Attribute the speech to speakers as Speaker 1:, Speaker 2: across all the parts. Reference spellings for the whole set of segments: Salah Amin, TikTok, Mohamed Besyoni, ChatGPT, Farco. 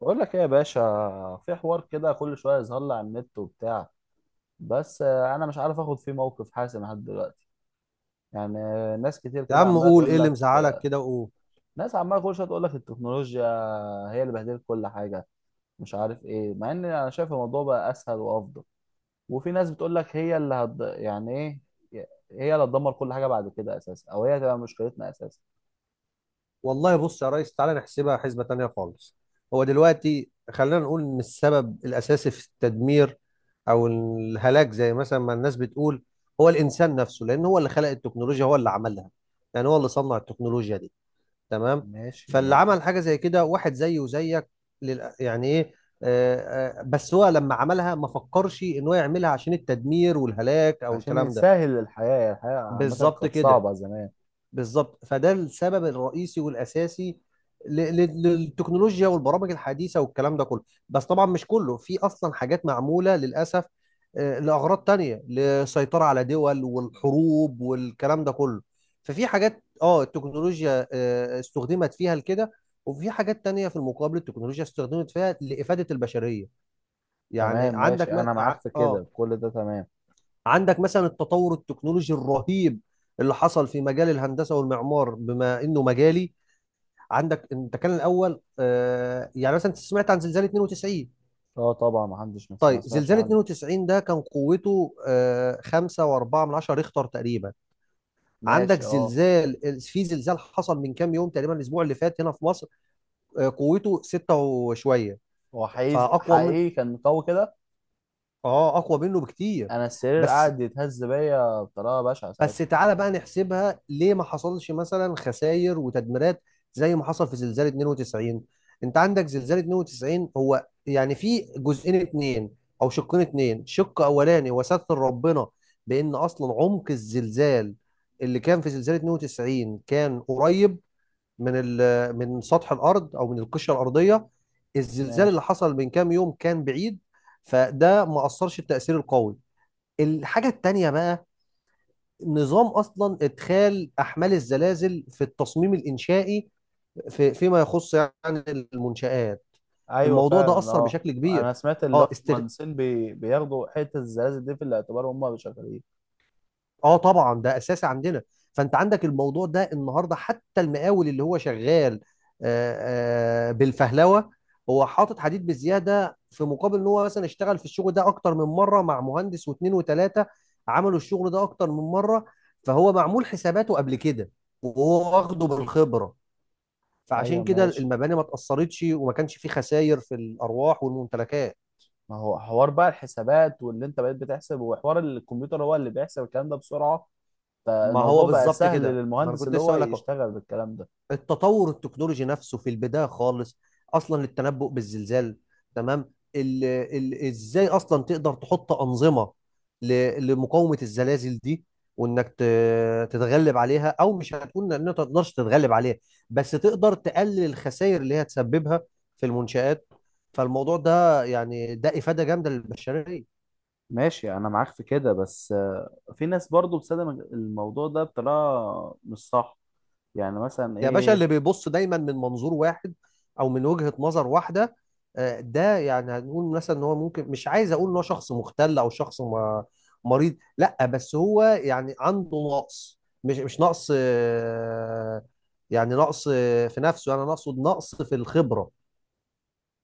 Speaker 1: بقول لك ايه يا باشا؟ في حوار كده كل شويه يظهر لي على النت وبتاع. بس انا مش عارف اخد فيه موقف حاسم لحد دلوقتي. يعني ناس كتير
Speaker 2: يا
Speaker 1: كده
Speaker 2: عم
Speaker 1: عماله
Speaker 2: قول ايه
Speaker 1: تقول
Speaker 2: اللي
Speaker 1: لك.
Speaker 2: مزعلك كده وقول.
Speaker 1: ناس عماله كل شويه تقول لك التكنولوجيا هي اللي بهدلت كل حاجه، مش عارف ايه. مع ان انا شايف الموضوع بقى اسهل وافضل. وفي ناس بتقول لك يعني ايه، هي اللي هتدمر كل حاجه بعد كده اساسا، او هي هتبقى مشكلتنا اساسا.
Speaker 2: والله بص يا ريس، تعالى نحسبها حسبة تانية خالص. هو دلوقتي خلينا نقول ان السبب الاساسي في التدمير او الهلاك زي مثلا ما الناس بتقول هو الانسان نفسه، لان هو اللي خلق التكنولوجيا، هو اللي عملها. يعني هو اللي صنع التكنولوجيا دي، تمام.
Speaker 1: ماشي
Speaker 2: فاللي
Speaker 1: ما.
Speaker 2: عمل حاجة زي كده واحد زيه وزيك. لل... يعني ايه آه، آه، بس هو لما عملها ما فكرش ان هو يعملها عشان التدمير والهلاك او
Speaker 1: عشان
Speaker 2: الكلام ده.
Speaker 1: يسهل الحياه. الحياه عامه
Speaker 2: بالظبط
Speaker 1: كانت
Speaker 2: كده.
Speaker 1: صعبه زمان.
Speaker 2: بالظبط، فده السبب الرئيسي والاساسي للتكنولوجيا والبرامج الحديثه والكلام ده كله. بس طبعا مش كله، في اصلا حاجات معموله للاسف لاغراض تانية، للسيطره على دول والحروب والكلام ده كله. ففي حاجات اه التكنولوجيا استخدمت فيها لكده، وفي حاجات تانية في المقابل التكنولوجيا استخدمت فيها لإفادة البشرية. يعني
Speaker 1: تمام،
Speaker 2: عندك
Speaker 1: ماشي،
Speaker 2: م...
Speaker 1: انا
Speaker 2: ع-
Speaker 1: معاك في
Speaker 2: اه
Speaker 1: كده، كل ده تمام.
Speaker 2: عندك مثلا التطور التكنولوجي الرهيب اللي حصل في مجال الهندسه والمعمار، بما انه مجالي. عندك انت كان الاول يعني مثلا انت سمعت عن زلزال 92.
Speaker 1: اه طبعا، ما حدش ما
Speaker 2: طيب
Speaker 1: سمعش
Speaker 2: زلزال
Speaker 1: عنه.
Speaker 2: 92 ده كان قوته 5.4 من 10 ريختر تقريبا. عندك
Speaker 1: ماشي، اه.
Speaker 2: زلزال، في زلزال حصل من كام يوم تقريبا الاسبوع اللي فات هنا في مصر، قوته 6 وشويه.
Speaker 1: هو حقيقي
Speaker 2: فاقوى من،
Speaker 1: حقيقي كان قوي كده.
Speaker 2: اه اقوى منه بكتير.
Speaker 1: انا السرير
Speaker 2: بس
Speaker 1: قاعد يتهز بيا بطريقه بشعه ساعتها.
Speaker 2: بس تعالى بقى نحسبها، ليه ما حصلش مثلا خسائر وتدميرات زي ما حصل في زلزال 92؟ انت عندك زلزال 92 هو يعني في جزئين اتنين او شقين اتنين. شق اولاني، وستر ربنا، بان اصلا عمق الزلزال اللي كان في زلزال 92 كان قريب من من سطح الارض او من القشره الارضيه. الزلزال اللي
Speaker 1: ماشي.
Speaker 2: حصل من كام يوم كان بعيد، فده ما اثرش التاثير القوي. الحاجه التانيه بقى، نظام اصلا ادخال احمال الزلازل في التصميم الانشائي في فيما يخص يعني المنشآت.
Speaker 1: ايوه
Speaker 2: الموضوع ده
Speaker 1: فعلا،
Speaker 2: اثر
Speaker 1: اه،
Speaker 2: بشكل كبير.
Speaker 1: انا سمعت اللي هو
Speaker 2: اه استغ...
Speaker 1: المهندسين بياخدوا حته الزلازل دي في الاعتبار وهم شغالين.
Speaker 2: اه طبعا ده اساسي عندنا. فانت عندك الموضوع ده النهارده حتى المقاول اللي هو شغال بالفهلوه، هو حاطط حديد بزياده في مقابل ان هو مثلا اشتغل في الشغل ده اكتر من مره مع مهندس واثنين وثلاثه عملوا الشغل ده اكتر من مره، فهو معمول حساباته قبل كده وهو واخده بالخبره.
Speaker 1: ايوه
Speaker 2: فعشان كده
Speaker 1: ماشي.
Speaker 2: المباني ما اتأثرتش وما كانش في خسائر في الأرواح والممتلكات.
Speaker 1: ما هو حوار بقى الحسابات، واللي انت بقيت بتحسب وحوار الكمبيوتر هو اللي بيحسب الكلام ده بسرعه،
Speaker 2: ما هو
Speaker 1: فالموضوع بقى
Speaker 2: بالظبط
Speaker 1: سهل
Speaker 2: كده، ما أنا
Speaker 1: للمهندس
Speaker 2: كنت
Speaker 1: اللي
Speaker 2: لسه
Speaker 1: هو
Speaker 2: أقول لك أهو.
Speaker 1: يشتغل بالكلام ده.
Speaker 2: التطور التكنولوجي نفسه في البداية خالص أصلا للتنبؤ بالزلزال، تمام. ال إزاي أصلا تقدر تحط أنظمة لمقاومة الزلازل دي، وإنك تتغلب عليها، أو مش هتكون إن أنت ما تقدرش تتغلب عليها، بس تقدر تقلل الخسائر اللي هي تسببها في المنشآت. فالموضوع ده يعني ده إفادة جامدة للبشرية.
Speaker 1: ماشي انا معاك في كده، بس في ناس برضو بتستخدم الموضوع ده بطريقه مش صح. يعني مثلا
Speaker 2: يا باشا،
Speaker 1: ايه؟
Speaker 2: اللي بيبص دايما من منظور واحد او من وجهة نظر واحده، ده يعني هنقول مثلا ان هو ممكن، مش عايز اقول ان هو شخص مختل او شخص مريض، لا، بس هو يعني عنده نقص. مش مش نقص آه، يعني نقص في نفسه، انا اقصد نقص في الخبره.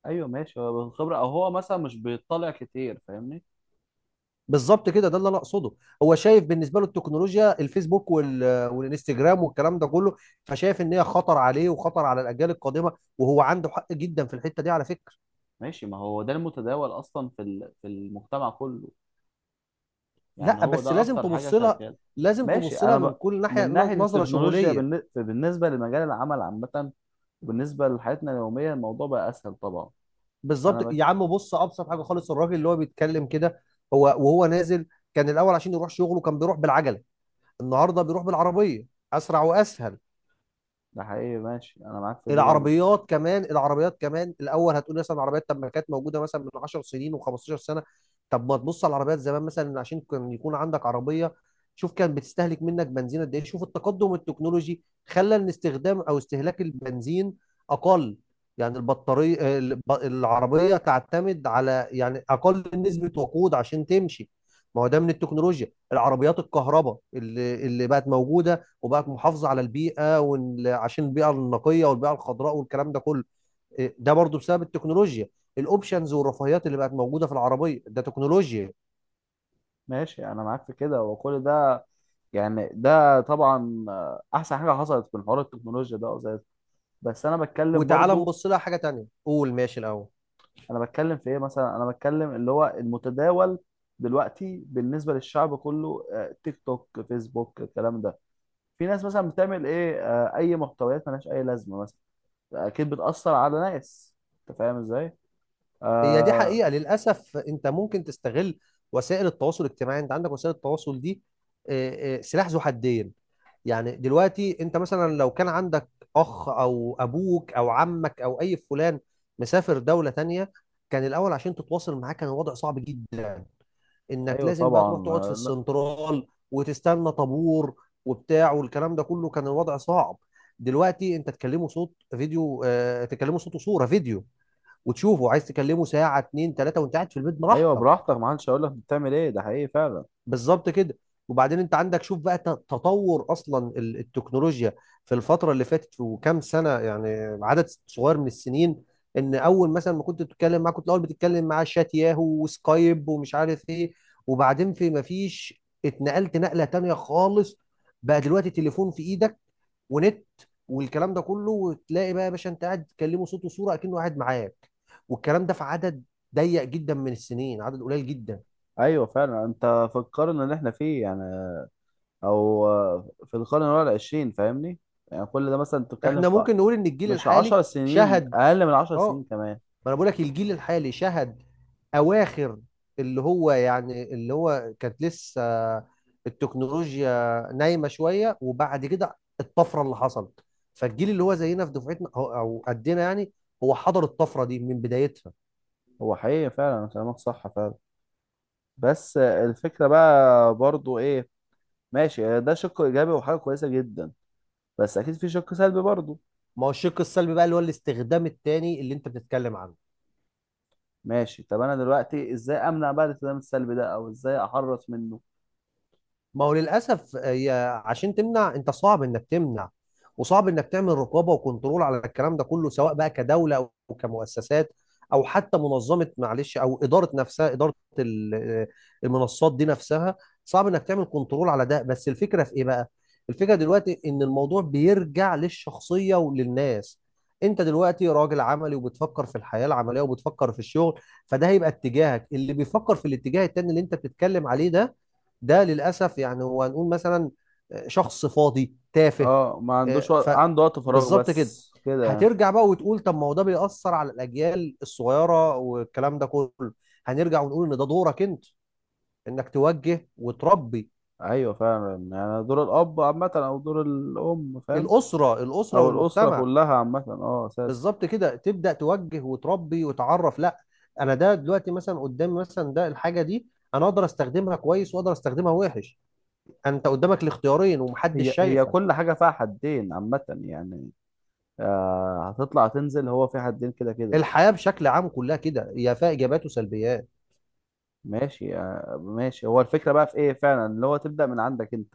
Speaker 1: ايوه ماشي، هو بالخبره، او هو مثلا مش بيطلع كتير، فاهمني؟
Speaker 2: بالظبط كده، ده اللي انا اقصده. هو شايف بالنسبه له التكنولوجيا، الفيسبوك والانستجرام والكلام ده كله، فشايف ان هي خطر عليه وخطر على الاجيال القادمه، وهو عنده حق جدا في الحته دي على فكره.
Speaker 1: ماشي، ما هو ده المتداول اصلا في المجتمع كله. يعني
Speaker 2: لا
Speaker 1: هو
Speaker 2: بس
Speaker 1: ده
Speaker 2: لازم
Speaker 1: اكتر حاجه
Speaker 2: تبص لها،
Speaker 1: شغاله.
Speaker 2: لازم
Speaker 1: ماشي،
Speaker 2: تبص لها من كل ناحيه،
Speaker 1: من ناحيه
Speaker 2: نظره
Speaker 1: التكنولوجيا
Speaker 2: شموليه.
Speaker 1: بالنسبه لمجال العمل عامه، وبالنسبه لحياتنا اليوميه الموضوع بقى اسهل طبعا. انا
Speaker 2: بالظبط
Speaker 1: بك.
Speaker 2: يا عم، بص، ابسط حاجه خالص الراجل اللي هو بيتكلم كده، هو وهو نازل، كان الاول عشان يروح شغله كان بيروح بالعجله، النهارده بيروح بالعربيه، اسرع واسهل.
Speaker 1: ده حقيقي، ماشي، انا معاك في دي برضه.
Speaker 2: العربيات كمان، العربيات كمان الاول هتقول مثلا العربيات، طب ما كانت موجوده مثلا من 10 سنين و15 سنه، طب ما تبص على العربيات زمان مثلا عشان كان يكون عندك عربيه. شوف كان بتستهلك منك بنزين قد ايه، شوف التقدم التكنولوجي خلى ان استخدام او استهلاك البنزين اقل. يعني البطاريه، العربيه تعتمد على يعني اقل نسبه وقود عشان تمشي. ما هو ده من التكنولوجيا، العربيات الكهرباء اللي بقت موجوده وبقت محافظه على البيئه عشان البيئه النقيه والبيئه الخضراء والكلام ده كله. ده برضو بسبب التكنولوجيا. الاوبشنز والرفاهيات اللي بقت موجوده في العربيه ده تكنولوجيا.
Speaker 1: ماشي انا معاك في كده وكل ده. يعني ده طبعا احسن حاجه حصلت من حوار التكنولوجيا ده، زي. بس انا بتكلم
Speaker 2: وتعالى
Speaker 1: برضو.
Speaker 2: نبص لها حاجه تانية، قول ماشي الاول.
Speaker 1: انا بتكلم في ايه مثلا؟ انا بتكلم اللي هو المتداول دلوقتي بالنسبه للشعب كله، تيك توك، فيسبوك، الكلام ده. في ناس مثلا بتعمل ايه؟ اي محتويات ملهاش اي لازمه مثلا. اكيد بتاثر على ناس، انت فاهم ازاي.
Speaker 2: هي دي
Speaker 1: آه.
Speaker 2: حقيقه، للاسف انت ممكن تستغل وسائل التواصل الاجتماعي. انت عندك وسائل التواصل دي إيه، إيه، سلاح ذو حدين. يعني دلوقتي انت مثلا لو كان عندك اخ او ابوك او عمك او اي فلان مسافر دوله تانية، كان الاول عشان تتواصل معاه كان الوضع صعب جدا، انك
Speaker 1: ايوه
Speaker 2: لازم بقى تروح
Speaker 1: طبعا.
Speaker 2: تقعد في
Speaker 1: لا.
Speaker 2: السنترال وتستنى طابور وبتاع والكلام ده كله، كان الوضع صعب. دلوقتي انت تكلمه صوت فيديو، آه تكلمه صوت وصوره فيديو وتشوفه، عايز تكلمه ساعه اتنين تلاته وانت قاعد في البيت
Speaker 1: ايوه
Speaker 2: براحتك.
Speaker 1: براحتك، ما حدش هيقول لك بتعمل ايه، ده حقيقي فعلا.
Speaker 2: بالظبط كده. وبعدين انت عندك شوف بقى تطور اصلا التكنولوجيا في الفتره اللي فاتت وكام سنه، يعني عدد صغير من السنين. ان اول مثلا ما كنت بتتكلم معاه كنت الاول بتتكلم معاه شات ياهو وسكايب ومش عارف ايه، وبعدين في ما فيش اتنقلت نقله تانية خالص. بقى دلوقتي تليفون في ايدك ونت والكلام ده كله، وتلاقي بقى يا باشا انت قاعد تكلمه صوت وصوره اكنه قاعد معاك. والكلام ده في عدد ضيق جدا من السنين، عدد قليل جدا.
Speaker 1: ايوه فعلا. انت في القرن اللي احنا فيه يعني، او في القرن اللي هو العشرين، فاهمني؟ يعني كل ده مثلا تتكلم
Speaker 2: احنا
Speaker 1: في،
Speaker 2: ممكن نقول ان الجيل
Speaker 1: مش
Speaker 2: الحالي
Speaker 1: عشر سنين،
Speaker 2: شهد،
Speaker 1: اقل من عشر سنين
Speaker 2: اه،
Speaker 1: كمان.
Speaker 2: ما انا بقول لك الجيل الحالي شهد اواخر اللي هو يعني اللي هو كانت لسه التكنولوجيا نايمه شويه، وبعد كده الطفره اللي حصلت. فالجيل اللي هو زينا في دفعتنا او أو قدنا يعني، هو حضر الطفره دي من بدايتها.
Speaker 1: هو حقيقي فعلا كلامك صح فعلا. بس الفكرة بقى برضو ايه؟ ماشي ده شق ايجابي وحاجة كويسة جدا، بس اكيد في شق سلبي برضو.
Speaker 2: ما هو الشق السلبي بقى اللي هو الاستخدام التاني اللي انت بتتكلم عنه.
Speaker 1: ماشي، طب انا دلوقتي ازاي امنع بقى الالتزام السلبي ده، او ازاي احرص منه؟
Speaker 2: ما هو للاسف هي، عشان تمنع، انت صعب انك تمنع. وصعب انك تعمل رقابه وكنترول على الكلام ده كله، سواء بقى كدوله او كمؤسسات، او حتى منظمه، معلش، او اداره نفسها، اداره المنصات دي نفسها. صعب انك تعمل كنترول على ده، بس الفكره في ايه بقى؟ الفكره دلوقتي ان الموضوع بيرجع للشخصيه وللناس. انت دلوقتي راجل عملي وبتفكر في الحياه العمليه وبتفكر في الشغل، فده هيبقى اتجاهك. اللي بيفكر في الاتجاه التاني اللي انت بتتكلم عليه ده، ده للاسف يعني هو هنقول مثلا شخص فاضي تافه.
Speaker 1: اه، ما عندوش
Speaker 2: آه،
Speaker 1: وقت،
Speaker 2: ف
Speaker 1: عنده وقت فراغ
Speaker 2: بالظبط كده.
Speaker 1: بس كده يعني.
Speaker 2: هترجع بقى وتقول طب ما هو ده بيأثر على الأجيال الصغيرة والكلام ده كله. هنرجع ونقول إن ده دورك أنت، إنك توجه وتربي.
Speaker 1: ايوه فعلا، يعني دور الاب عامه، او دور الام، فاهم؟
Speaker 2: الأسرة
Speaker 1: او الاسره
Speaker 2: والمجتمع.
Speaker 1: كلها عامه، اه، اساسا.
Speaker 2: بالظبط كده، تبدأ توجه وتربي وتعرف لا، أنا ده دلوقتي مثلا قدامي مثلا ده الحاجة دي، أنا أقدر أستخدمها كويس وأقدر أستخدمها وحش. أنت قدامك الاختيارين ومحدش
Speaker 1: هي هي
Speaker 2: شايفك.
Speaker 1: كل حاجه فيها حدين عامه يعني. آه، هتطلع تنزل، هو في حدين كده كده.
Speaker 2: الحياة بشكل عام كلها كده، هي فيها إيجابيات وسلبيات.
Speaker 1: ماشي، آه ماشي. هو الفكره بقى في ايه فعلا؟ اللي هو تبدا من عندك انت،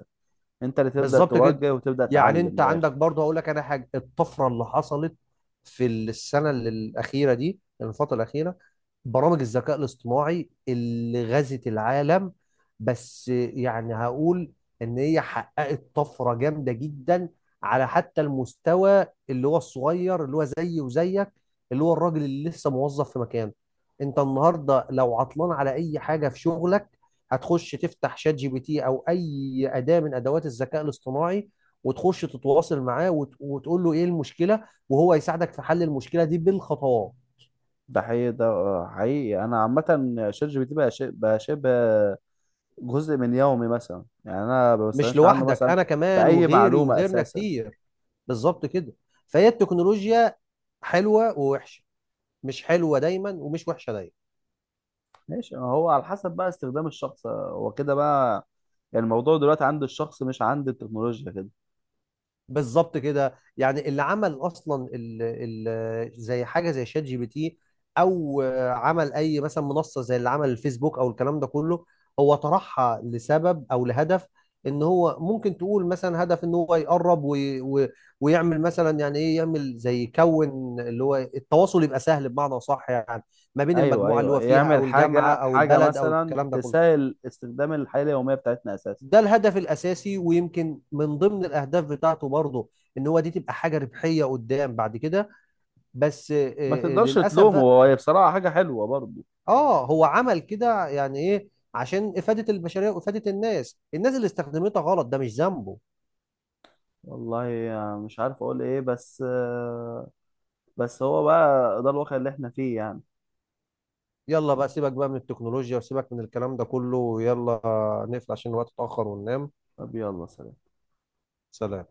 Speaker 1: انت اللي تبدا
Speaker 2: بالظبط كده.
Speaker 1: توجه وتبدا
Speaker 2: يعني
Speaker 1: تعلم،
Speaker 2: أنت
Speaker 1: من
Speaker 2: عندك
Speaker 1: الاخر.
Speaker 2: برضه هقول لك أنا حاجة، الطفرة اللي حصلت في السنة الأخيرة دي، الفترة الأخيرة، برامج الذكاء الاصطناعي اللي غزت العالم. بس يعني هقول إن هي حققت طفرة جامدة جدا على حتى المستوى اللي هو الصغير اللي هو زيي وزيك، اللي هو الراجل اللي لسه موظف في مكانه. أنت النهاردة لو عطلان على أي حاجة في شغلك هتخش تفتح شات جي بي تي او اي اداه من ادوات الذكاء الاصطناعي، وتخش تتواصل معاه وتقول له ايه المشكله وهو يساعدك في حل المشكله دي بالخطوات.
Speaker 1: ده حقيقي، ده حقيقي. انا عامه شات جي بي تي بقى بقى شبه جزء من يومي مثلا يعني، انا ما
Speaker 2: مش
Speaker 1: بستغناش عنه
Speaker 2: لوحدك،
Speaker 1: مثلا
Speaker 2: انا
Speaker 1: في
Speaker 2: كمان
Speaker 1: اي
Speaker 2: وغيري
Speaker 1: معلومه
Speaker 2: وغيرنا
Speaker 1: اساسا.
Speaker 2: كتير. بالظبط كده. فهي التكنولوجيا حلوه ووحشه، مش حلوه دايما ومش وحشه دايما.
Speaker 1: ماشي، هو على حسب بقى استخدام الشخص، هو كده بقى. يعني الموضوع دلوقتي عند الشخص، مش عند التكنولوجيا كده.
Speaker 2: بالظبط كده. يعني اللي عمل اصلا ال زي حاجه زي شات جي بي تي، او عمل اي مثلا منصه زي اللي عمل الفيسبوك او الكلام ده كله، هو طرحها لسبب او لهدف. ان هو ممكن تقول مثلا هدف، ان هو يقرب ويعمل مثلا يعني ايه، يعمل زي يكون اللي هو التواصل يبقى سهل بمعنى صح يعني ما بين
Speaker 1: ايوه
Speaker 2: المجموعه اللي
Speaker 1: ايوه،
Speaker 2: هو فيها
Speaker 1: يعمل
Speaker 2: او الجامعه
Speaker 1: حاجه
Speaker 2: او
Speaker 1: حاجه
Speaker 2: البلد او
Speaker 1: مثلا
Speaker 2: الكلام ده كله.
Speaker 1: تسهل استخدام الحياه اليوميه بتاعتنا اساسا.
Speaker 2: ده الهدف الاساسي، ويمكن من ضمن الاهداف بتاعته برضه ان هو دي تبقى حاجه ربحيه قدام بعد كده، بس
Speaker 1: ما تقدرش
Speaker 2: للاسف
Speaker 1: تلومه،
Speaker 2: بقى،
Speaker 1: هو بصراحه حاجه حلوه برضه.
Speaker 2: اه هو عمل كده يعني ايه، عشان افاده البشريه وافاده الناس. الناس اللي استخدمتها غلط ده مش ذنبه.
Speaker 1: والله مش عارف اقول ايه، بس بس هو بقى ده الواقع اللي احنا فيه يعني.
Speaker 2: يلا بقى سيبك بقى من التكنولوجيا وسيبك من الكلام ده كله، يلا نقفل عشان الوقت اتاخر وننام.
Speaker 1: طب يلا، سلام.
Speaker 2: سلام.